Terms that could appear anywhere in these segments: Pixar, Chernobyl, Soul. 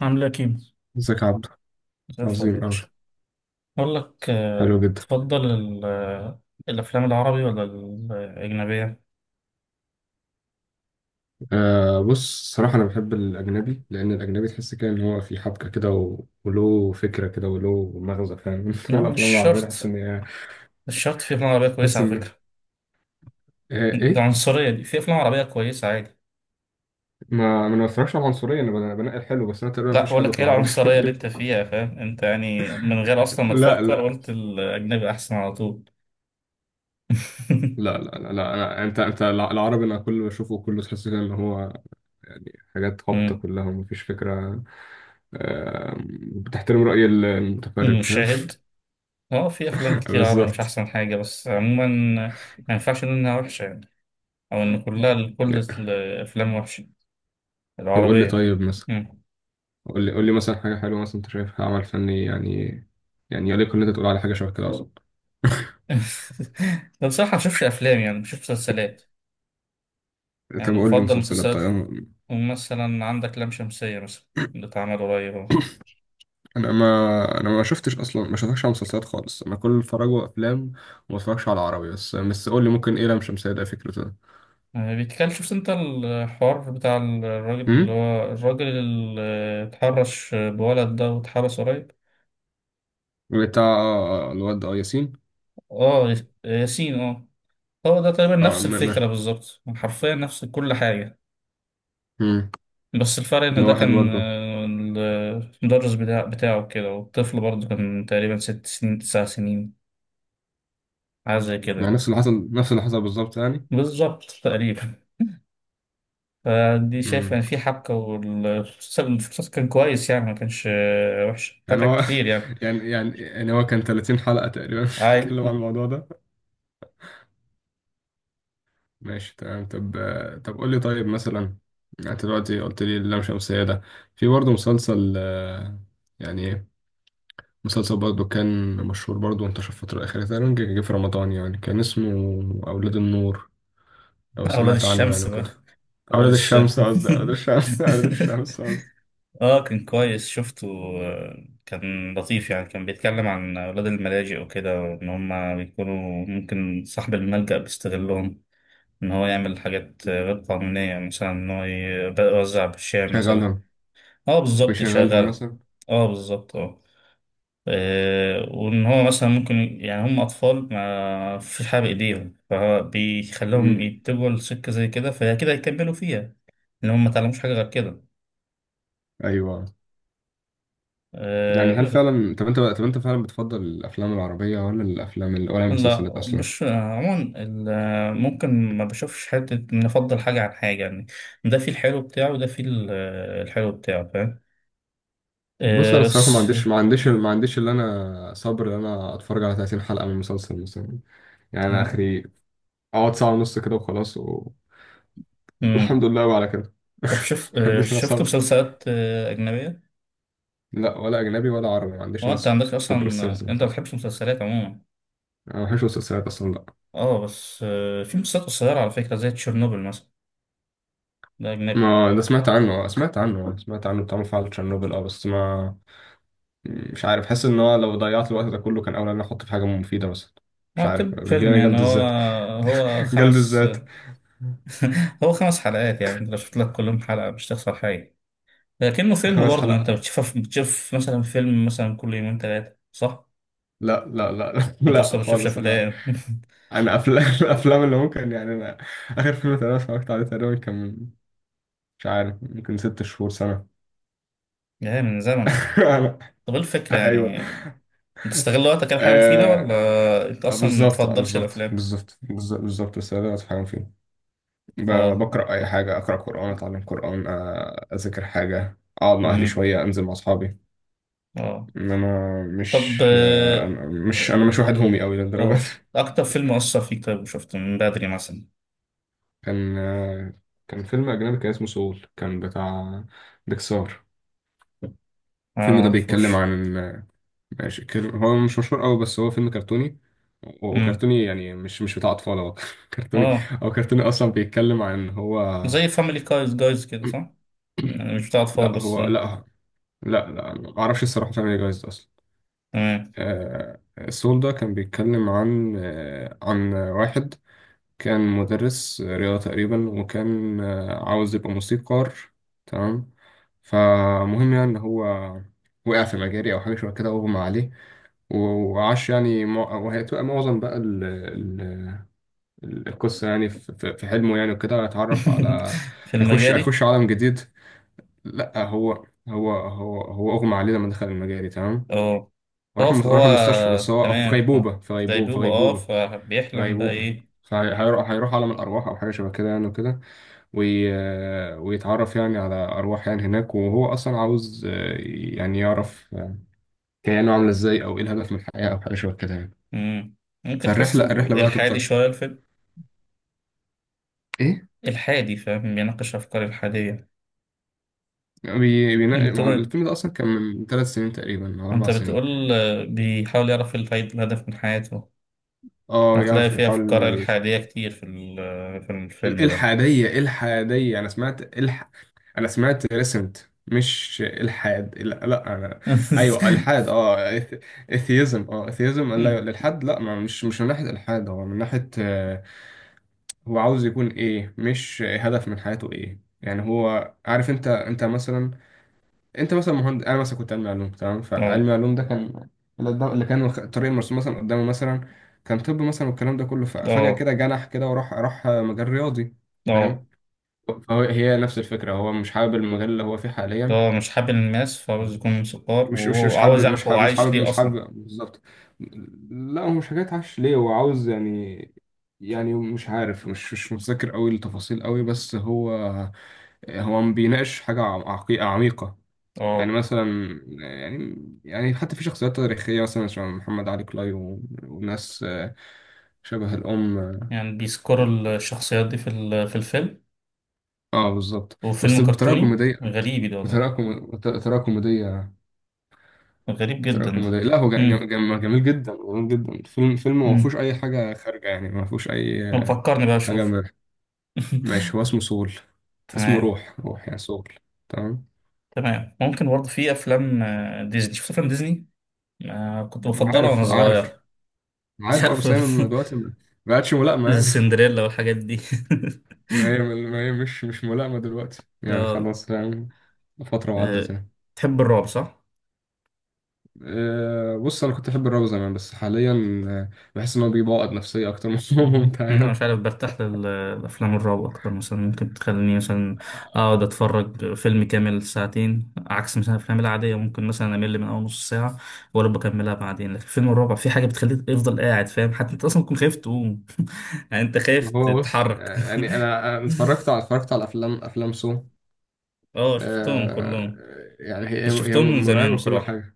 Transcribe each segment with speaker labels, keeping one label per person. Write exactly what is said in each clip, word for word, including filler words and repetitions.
Speaker 1: عامل ايه يا كيمو؟
Speaker 2: ازيك يا عبد.
Speaker 1: زي الفل يا
Speaker 2: عظيم أوي.
Speaker 1: باشا. بقول لك، آه،
Speaker 2: حلو جدا.
Speaker 1: تفضل ال- آه، الأفلام العربي ولا الأجنبية؟
Speaker 2: آه، بص صراحة أنا بحب الأجنبي لأن الأجنبي تحس كده إن هو في حبكة كده و... وله فكرة كده وله مغزى فاهم.
Speaker 1: لا مش
Speaker 2: والأفلام العربية تحس
Speaker 1: شرط.
Speaker 2: إن هي،
Speaker 1: مش شرط، في أفلام عربية كويسة
Speaker 2: تحس
Speaker 1: على
Speaker 2: إن،
Speaker 1: فكرة.
Speaker 2: آه،
Speaker 1: ده
Speaker 2: إيه؟
Speaker 1: عنصرية دي، في أفلام عربية كويسة عادي.
Speaker 2: ما ما أنا ما بتفرجش على العنصرية، أنا بن- بنقي الحلو بس، أنا تقريبا
Speaker 1: لا،
Speaker 2: مفيش
Speaker 1: بقول
Speaker 2: حلو
Speaker 1: لك
Speaker 2: في
Speaker 1: إيه
Speaker 2: العربي.
Speaker 1: العنصرية اللي أنت فيها، فاهم؟ أنت يعني من غير أصلا ما
Speaker 2: لا
Speaker 1: تفكر
Speaker 2: لا
Speaker 1: قلت الأجنبي أحسن على طول.
Speaker 2: لا، لا لا، لا. أنا... أنت أنت الع- العربي، أنا كل اللي بشوفه كله تحس كده إن هو حاجات هابطة
Speaker 1: مم.
Speaker 2: كلها ومفيش فكرة. آه، بتحترم رأي المتفرج فاهم.
Speaker 1: مشاهد. اه، في أفلام كتير عربي مش
Speaker 2: بالظبط.
Speaker 1: أحسن حاجة، بس عموما ما ينفعش نقول إنها وحشة يعني، أو إن كلها كل الأفلام وحشة،
Speaker 2: طب قول لي
Speaker 1: العربية.
Speaker 2: طيب مثلا،
Speaker 1: مم.
Speaker 2: قول لي قول لي مثلا حاجة حلوة مثلا أنت شايفها عمل فني يعني، يعني يليق إن أنت تقول على حاجة شبه كده أصلا.
Speaker 1: ده بصراحة ما بشوفش أفلام، يعني بشوف مسلسلات،
Speaker 2: طب
Speaker 1: يعني
Speaker 2: قول لي
Speaker 1: بفضل
Speaker 2: مسلسلات،
Speaker 1: مسلسلات.
Speaker 2: طيب أنا،
Speaker 1: مثلا عندك لام شمسية مثلا، اللي اتعمل قريب أهو.
Speaker 2: أنا ما أنا ما شفتش أصلا، ما شفتش على مسلسلات خالص، أنا كل اتفرج أفلام وما اتفرجش على عربي، بس بس قول لي ممكن إيه لام شمسية ده فكرته ده؟
Speaker 1: آه، بيتكلم، شفت أنت الحوار بتاع الراجل، اللي
Speaker 2: أمم
Speaker 1: هو الراجل اللي اتحرش بولد ده واتحبس قريب.
Speaker 2: بتاع آه، الواد، أه ياسين.
Speaker 1: اه، ياسين، اه. هو ده تقريبا
Speaker 2: أه
Speaker 1: نفس
Speaker 2: ما ما
Speaker 1: الفكرة بالظبط، حرفيا نفس كل حاجة.
Speaker 2: أمم
Speaker 1: بس الفرق إن
Speaker 2: إنه
Speaker 1: ده
Speaker 2: واحد
Speaker 1: كان،
Speaker 2: برضه.
Speaker 1: آه، المدرس بتاع بتاعه كده، والطفل برضه كان تقريبا ست سنين تسع سنين، حاجة زي كده
Speaker 2: يعني
Speaker 1: يعني.
Speaker 2: نفس اللي حصل نفس اللي حصل بالظبط يعني.
Speaker 1: بالظبط تقريبا. فدي شايف
Speaker 2: أمم
Speaker 1: يعني في حبكة، والفلوس الفلوس كان كويس يعني، ما كانش آه، وحش،
Speaker 2: يعني
Speaker 1: فاتك
Speaker 2: هو،
Speaker 1: كتير يعني.
Speaker 2: يعني يعني يعني هو كان ثلاثين حلقة تقريبا
Speaker 1: عادي.
Speaker 2: بيتكلم عن الموضوع ده. ماشي تمام. طب، طب قول لي طيب مثلا، يعني انت دلوقتي قلت لي اللام شمسية ده، في برضه مسلسل، آه، يعني إيه؟ مسلسل برضه كان مشهور برضه وانتشر الفترة الأخيرة تقريبا، جه جه في رمضان يعني، كان اسمه أولاد النور، لو
Speaker 1: أولاد
Speaker 2: سمعت عنه يعني
Speaker 1: الشمس بقى،
Speaker 2: وكده.
Speaker 1: أولاد
Speaker 2: أولاد الشمس، قصدي
Speaker 1: الشمس.
Speaker 2: أولاد الشمس، أولاد الشمس قصدي.
Speaker 1: اه كان كويس، شفته. آه، كان لطيف يعني، كان بيتكلم عن أولاد الملاجئ وكده، وإن هما بيكونوا ممكن صاحب الملجأ بيستغلهم، إن هو يعمل حاجات آه، غير قانونية، مثلا إن هو يوزع بالشام مثلا.
Speaker 2: شغلهم
Speaker 1: اه
Speaker 2: أو
Speaker 1: بالظبط،
Speaker 2: يشغلهم
Speaker 1: يشغلها.
Speaker 2: مثلا.
Speaker 1: اه بالظبط، اه. آه، وان هو مثلا ممكن، يعني هم اطفال ما فيش حاجه بايديهم،
Speaker 2: مم.
Speaker 1: فبيخليهم يتجهوا لسكه زي كده، فهي كده يكملوا فيها، ان هم ما تعلموش حاجه غير كده
Speaker 2: أيوه. يعني هل
Speaker 1: آه،
Speaker 2: فعلا، طب أنت طب أنت فعلا بتفضل الأفلام العربية ولا الأفلام ال- ولا
Speaker 1: لا،
Speaker 2: المسلسلات أصلا؟
Speaker 1: مش آه، عموما ال- آه، ممكن ما بشوفش حته نفضل حاجه عن حاجه يعني. ده فيه الحلو بتاعه، وده فيه ال- آه، الحلو بتاعه، فاهم.
Speaker 2: بص انا
Speaker 1: آه،
Speaker 2: الصراحه، ما
Speaker 1: بس
Speaker 2: عنديش ما عنديش ما عنديش اللي انا صبر ان انا اتفرج على ثلاثين حلقه من مسلسل مثلا، يعني انا
Speaker 1: آه،
Speaker 2: اخري اقعد ساعه ونص كده وخلاص،
Speaker 1: مم.
Speaker 2: والحمد لله وعلى كده. ما
Speaker 1: طب شفت، آه،
Speaker 2: عنديش انا
Speaker 1: شفت
Speaker 2: صبر،
Speaker 1: مسلسلات آه، اجنبيه؟
Speaker 2: لا ولا اجنبي ولا عربي، ما عنديش
Speaker 1: هو
Speaker 2: انا
Speaker 1: انت عندك اصلا؟
Speaker 2: صبر الصراحه زي ما
Speaker 1: انت
Speaker 2: قلت
Speaker 1: ما
Speaker 2: لك.
Speaker 1: بتحبش مسلسلات عموما.
Speaker 2: انا ما بحبش المسلسلات اصلا، لا.
Speaker 1: اه بس، آه، في مسلسلات قصيرة على فكرة، زي تشيرنوبل مثلا، ده أجنبي.
Speaker 2: ما ده سمعت عنه، سمعت عنه سمعت عنه بتاع مفاعل تشيرنوبل، اه، بس، ما مش عارف، حاسس ان هو لو ضيعت الوقت ده كله كان اولى ان انا احطه في حاجه مفيده مثلا. مش عارف
Speaker 1: معتب
Speaker 2: بيجيلي
Speaker 1: فيلم
Speaker 2: انا
Speaker 1: يعني،
Speaker 2: جلد
Speaker 1: هو
Speaker 2: الذات،
Speaker 1: هو
Speaker 2: جلد
Speaker 1: خمس
Speaker 2: الذات.
Speaker 1: هو خمس حلقات، يعني انت لو شفت لك كلهم، حلقة مش تخسر حاجة. لكنه فيلم
Speaker 2: خمس
Speaker 1: برضه، ما انت
Speaker 2: حلقات
Speaker 1: بتشوف بتشوف مثلا فيلم مثلا كل يومين ثلاثة، صح؟
Speaker 2: لا لا لا،
Speaker 1: انت اصلا
Speaker 2: لا
Speaker 1: ما بتشوفش
Speaker 2: خالص، انا
Speaker 1: افلام.
Speaker 2: انا افلام، الافلام اللي ممكن، يعني انا اخر فيلم تقريبا اتفرجت عليه تقريبا كان من- مش عارف، ممكن ست شهور، سنه.
Speaker 1: يعني من زمن.
Speaker 2: أنا-
Speaker 1: طب ايه الفكرة
Speaker 2: ايوه،
Speaker 1: يعني، انت تستغل وقتك على حاجة مفيدة، ولا انت
Speaker 2: آه
Speaker 1: اصلا ما
Speaker 2: بالظبط، آه،
Speaker 1: بتفضلش
Speaker 2: بالظبط
Speaker 1: الافلام؟
Speaker 2: بالظبط بالظ- بالظبط بس ده بتفهم فيه. ب-
Speaker 1: اه.
Speaker 2: بقرا اي حاجه، اقرا قران، اتعلم قران، آه، اذاكر حاجه، اقعد مع اهلي
Speaker 1: امم.
Speaker 2: شويه، انزل مع اصحابي،
Speaker 1: اه.
Speaker 2: انما
Speaker 1: طب،
Speaker 2: مش، آه،
Speaker 1: آه
Speaker 2: أنا- مش انا مش واحد هومي قوي للدرجه.
Speaker 1: آه، أكتر فيلم أثر فيك طيب وشفته من بدري مثلا؟
Speaker 2: كان، آه، كان فيلم أجنبي كان اسمه سول، كان بتاع بيكسار.
Speaker 1: أنا
Speaker 2: الفيلم ده بيتكلم
Speaker 1: معرفوش.
Speaker 2: عن، آه، ماشي، كر- هو مش مشهور قوي بس هو فيلم كرتوني،
Speaker 1: مم.
Speaker 2: وكرتوني يعني مش مش بتاع أطفال هو، كرتوني.
Speaker 1: آه،
Speaker 2: هو كرتوني أصلا، بيتكلم عن هو،
Speaker 1: زي فاميلي جايز جايز كده صح؟ أنا مش بتاع أطفال،
Speaker 2: لا
Speaker 1: بس
Speaker 2: هو
Speaker 1: آه،
Speaker 2: لا، لا لا معرفش الصراحة عشان ايه جايز ده أصلا.
Speaker 1: تمام.
Speaker 2: آه، سول ده كان بيتكلم عن، آه، عن واحد كان مدرس رياضة تقريبا، وكان، آه، عاوز يبقى موسيقار، تمام. فمهم يعني إن هو وقع في مجاري أو حاجة شبه كده، أغمى عليه، و- وعاش يعني مع- وهي تبقى معظم بقى ال ال القصة يعني في، في- في حلمه يعني وكده، اتعرف على،
Speaker 1: في
Speaker 2: هيخش،
Speaker 1: المجاري؟
Speaker 2: هيخش عالم جديد. لأ هو، هو هو هو أغمى عليه لما دخل المجاري، تمام.
Speaker 1: آه. آه،
Speaker 2: وراح، مس-
Speaker 1: فهو
Speaker 2: راح المستشفى بس هو في
Speaker 1: تمام. آه،
Speaker 2: غيبوبة، في
Speaker 1: في
Speaker 2: غيبوبة في
Speaker 1: ديدوبة، آه
Speaker 2: غيبوبة في
Speaker 1: فبيحلم بقى
Speaker 2: غيبوبة،
Speaker 1: إيه؟
Speaker 2: فهيروح هيروح عالم الأرواح أو حاجة شبه كده يعني وكده. وي... ويتعرف يعني على أرواح يعني هناك، وهو أصلا عاوز، آه، يعني يعرف، آه، كيانه عاملة إزاي، أو إيه الهدف من الحياة، أو حاجة شبه كده يعني.
Speaker 1: مم. ممكن
Speaker 2: فالرحلة
Speaker 1: تحسه
Speaker 2: الرحلة بقى
Speaker 1: إلحادي
Speaker 2: تفضل.
Speaker 1: شوية الفيلم.
Speaker 2: إيه؟
Speaker 1: إلحادي، فاهم، بيناقش أفكار إلحادية.
Speaker 2: بي... بينا...
Speaker 1: أنت
Speaker 2: ما هو
Speaker 1: طيب،
Speaker 2: الفيلم ده أصلا كان من ثلاث سنين تقريبا أو أربع
Speaker 1: أنت
Speaker 2: سنين
Speaker 1: بتقول آه، بيحاول يعرف الفايد- الهدف من حياته.
Speaker 2: أه،
Speaker 1: هتلاقي
Speaker 2: يعرف،
Speaker 1: فيه
Speaker 2: يحاول
Speaker 1: أفكار
Speaker 2: ي...
Speaker 1: إلحادية كتير في ال- في
Speaker 2: ال-
Speaker 1: الفيلم ده.
Speaker 2: الحادية، الحادية أنا سمعت، الح... أنا سمعت ريسنت. مش الحاد، لا، لا انا، ايوه الحاد، اه، اثيزم، اه اثيزم، لا الالحاد، لا، ما مش مش من ناحيه الحاد، هو من ناحيه، آه، هو عاوز يكون ايه، مش هدف من حياته ايه، يعني هو عارف انت انت مثلا، انت مثلا مهندس، انا مثلا كنت علمي علوم تمام،
Speaker 1: اه،
Speaker 2: فعلمي علوم ده كان اللي قدام- اللي كان الخ- الطريق المرسوم مثلا قدامه مثلا، كان طب مثلا والكلام ده كله، ففجأة
Speaker 1: اه،
Speaker 2: كده جنح كده وراح راح مجال رياضي،
Speaker 1: اه،
Speaker 2: فاهم. فهو هي نفس الفكرة، هو مش حابب المجال اللي هو فيه حاليا.
Speaker 1: اه، مش حابب الماس، فعاوز يكون موسيقار،
Speaker 2: مش مش
Speaker 1: وهو
Speaker 2: مش حابب
Speaker 1: عاوز
Speaker 2: مش
Speaker 1: يعرف هو
Speaker 2: حابب مش
Speaker 1: عايش
Speaker 2: حابب
Speaker 1: ليه
Speaker 2: مش
Speaker 1: أصلا.
Speaker 2: حابب بالظبط. لا هو مش حكاية عش ليه، هو عاوز يعني، يعني مش عارف، مش مش متذكر قوي التفاصيل قوي، بس هو، هو ما بيناقش حاجة عقي- عميقة يعني.
Speaker 1: اه،
Speaker 2: مثلا يعني، يعني حتى في شخصيات تاريخية مثلا، شبه محمد علي كلاي، و- وناس، آه، شبه الأم.
Speaker 1: يعني بيذكروا الشخصيات دي في ال- في الفيلم.
Speaker 2: اه بالظبط بس
Speaker 1: وفيلم
Speaker 2: بطريقة
Speaker 1: كرتوني
Speaker 2: كوميدية،
Speaker 1: غريب، ده والله.
Speaker 2: بطريقة كوم- بطريقة كوميدية،
Speaker 1: غريب
Speaker 2: تراكم
Speaker 1: جدا ده.
Speaker 2: كوميدي. لا هو جا- جا- جا-
Speaker 1: امم.
Speaker 2: جميل جدا، جميل جدا الفيلم. فيلم ما فيهوش
Speaker 1: امم.
Speaker 2: اي حاجه خارجه يعني، ما فيهوش اي
Speaker 1: طب فكرني بقى
Speaker 2: حاجه
Speaker 1: أشوف.
Speaker 2: م- ماشي. هو اسمه سول، اسمه
Speaker 1: تمام.
Speaker 2: روح، روح يعني سول، تمام.
Speaker 1: تمام. ممكن برضه في أفلام، آه، ديزني، شفت أفلام ديزني؟ آه، كنت بفضلها وأنا
Speaker 2: عارف، عارف،
Speaker 1: صغير. مش
Speaker 2: عارف ابو
Speaker 1: عارف.
Speaker 2: سامي من دلوقتي ما ما عادش ملائمه يعني.
Speaker 1: السندريلا والحاجات دي.
Speaker 2: ما هي، ما هي مش مش ملائمه دلوقتي يعني
Speaker 1: اه.
Speaker 2: خلاص يعني، فتره
Speaker 1: آه،
Speaker 2: وعدت يعني.
Speaker 1: تحب الرعب صح؟
Speaker 2: أه، بص انا كنت احب الراب زمان بس حاليا، أه، بحس ان هو بيبوظ نفسيه اكتر من هو
Speaker 1: مهم.
Speaker 2: ممتع
Speaker 1: انا مش
Speaker 2: يعني.
Speaker 1: عارف، برتاح للافلام الرعب اكتر، مثلا ممكن تخليني مثلا اقعد اتفرج فيلم كامل ساعتين، عكس مثلا الافلام العاديه ممكن مثلا امل من اول نص ساعه ولا بكملها بعدين. لكن فيلم الرعب في حاجه بتخليك تفضل قاعد، فاهم؟ حتى انت اصلا تكون خايف تقوم. يعني انت خايف
Speaker 2: هو بص
Speaker 1: تتحرك.
Speaker 2: يعني، انا أنا اتفرجت على اتفرجت على افلام افلام سو
Speaker 1: اه شفتهم
Speaker 2: آه.
Speaker 1: كلهم.
Speaker 2: يعني هي
Speaker 1: بس
Speaker 2: هي
Speaker 1: شفتهم من زمان
Speaker 2: مرعبة كل
Speaker 1: بصراحه.
Speaker 2: حاجة.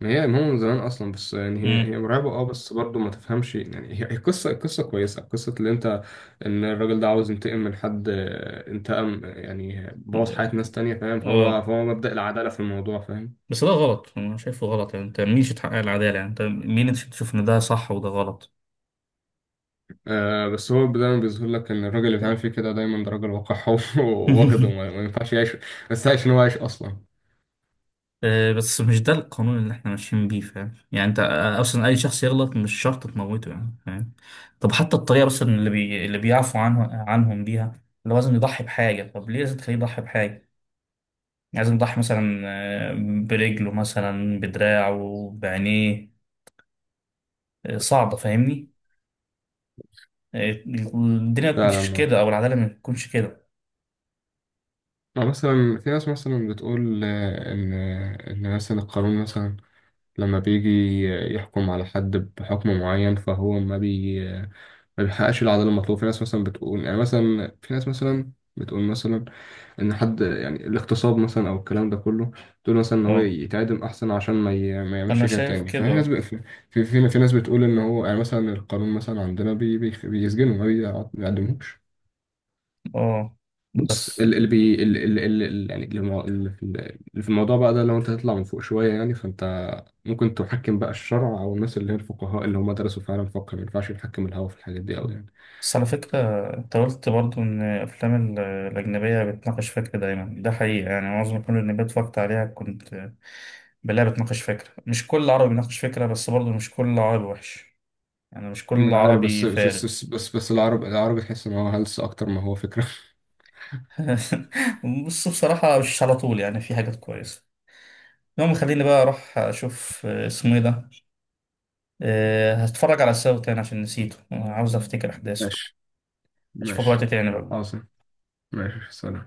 Speaker 2: ما هي ما هو من زمان أصلا، بس يعني هي هي
Speaker 1: امم.
Speaker 2: مرعبة، اه، بس برضه ما تفهمش، يعني هي هي قصة، قصة كويسة. قصة اللي أنت، إن الراجل ده عاوز ينتقم من حد، آه، انتقم يعني بوظ حياة ناس تانية فاهم،
Speaker 1: اه.
Speaker 2: فهو، فهو مبدأ العدالة في الموضوع فاهم.
Speaker 1: بس ده غلط، انا شايفه غلط يعني، انت مين تحقق العداله؟ يعني انت مين انت تشوف ان ده صح وده غلط؟
Speaker 2: آه، بس هو دايما بيظهر لك ان الراجل اللي بيعمل فيه كده دايما ده راجل وقح، وواخده ما ما ينفعش يعيش، بس عايش ان هو عايش اصلا.
Speaker 1: آه، بس مش ده القانون اللي احنا ماشيين بيه، فاهم؟ يعني انت آه، اصلا اي شخص يغلط مش شرط تموته يعني، فاهم. طب حتى الطريقه بس اللي بي... اللي بيعفوا عنه عنهم بيها، اللي هو لازم يضحي بحاجه، طب ليه لازم تخليه يضحي بحاجه؟ يعني لازم يضحي مثلا، آه، برجله مثلا، بدراعه، بعينيه، آه، صعبه فاهمني. آه، الدنيا ما بتمشيش
Speaker 2: فعلا.
Speaker 1: كده، او العداله ما بتكونش كده.
Speaker 2: آه، مثلا في ناس مثلا بتقول، آه، ان ان مثلا القانون مثلا لما بيجي يحكم على حد بحكم معين، فهو ما بي ما بيحققش العدالة المطلوبة. في ناس مثلا بتقول يعني مثلا، في ناس مثلا بتقول مثلا إن حد يعني الاغتصاب مثلا، أو الكلام ده كله، تقول مثلا إن هو
Speaker 1: اه،
Speaker 2: يتعدم أحسن عشان ما, ي... ما
Speaker 1: انا
Speaker 2: يعملش كده
Speaker 1: شايف
Speaker 2: تاني. ففي
Speaker 1: كده.
Speaker 2: ناس ب... في... في... في... في ناس بتقول إن هو، يعني مثلا القانون مثلا عندنا بي... بي... بيسجنه ما بيعدموش.
Speaker 1: اه.
Speaker 2: بص
Speaker 1: بس
Speaker 2: ال- اللي بي ال- ال- ال- ال- يعني اللي مو- اللي في اللي في الموضوع بقى ده، لو انت تطلع من فوق شويه يعني فانت ممكن تحكم بقى الشرع، او الناس اللي هي الفقهاء اللي هم درسوا فعلا فقه، ما ينفعش يحكم الهوا في الحاجات دي قوي يعني.
Speaker 1: بس على فكرة، انت قلت برضه إن الأفلام ال- الأجنبية بتناقش فكرة دايما، ده حقيقة يعني، معظم الأفلام الأجنبية اتفرجت عليها كنت بلاقيها بتناقش فكرة. مش كل عربي بيناقش فكرة، بس برضه مش كل عربي وحش، يعني مش
Speaker 2: مش
Speaker 1: كل
Speaker 2: عارف، بس
Speaker 1: عربي
Speaker 2: بس
Speaker 1: فارغ.
Speaker 2: بس بس, بس, بس العرب العربي تحس ان هو هلس اكتر ما هو فكره.
Speaker 1: بص بصراحة، مش على طول يعني، في حاجات كويسة. المهم خليني بقى أروح أشوف آه، اسمه إيه ده، آه، هتفرج على الساوي تاني عشان نسيته، آه، عاوز أفتكر أحداثه.
Speaker 2: ماشي،
Speaker 1: أشوفك وقت
Speaker 2: ماشي.
Speaker 1: تاني بقى.
Speaker 2: عاصم، ماشي، سلام.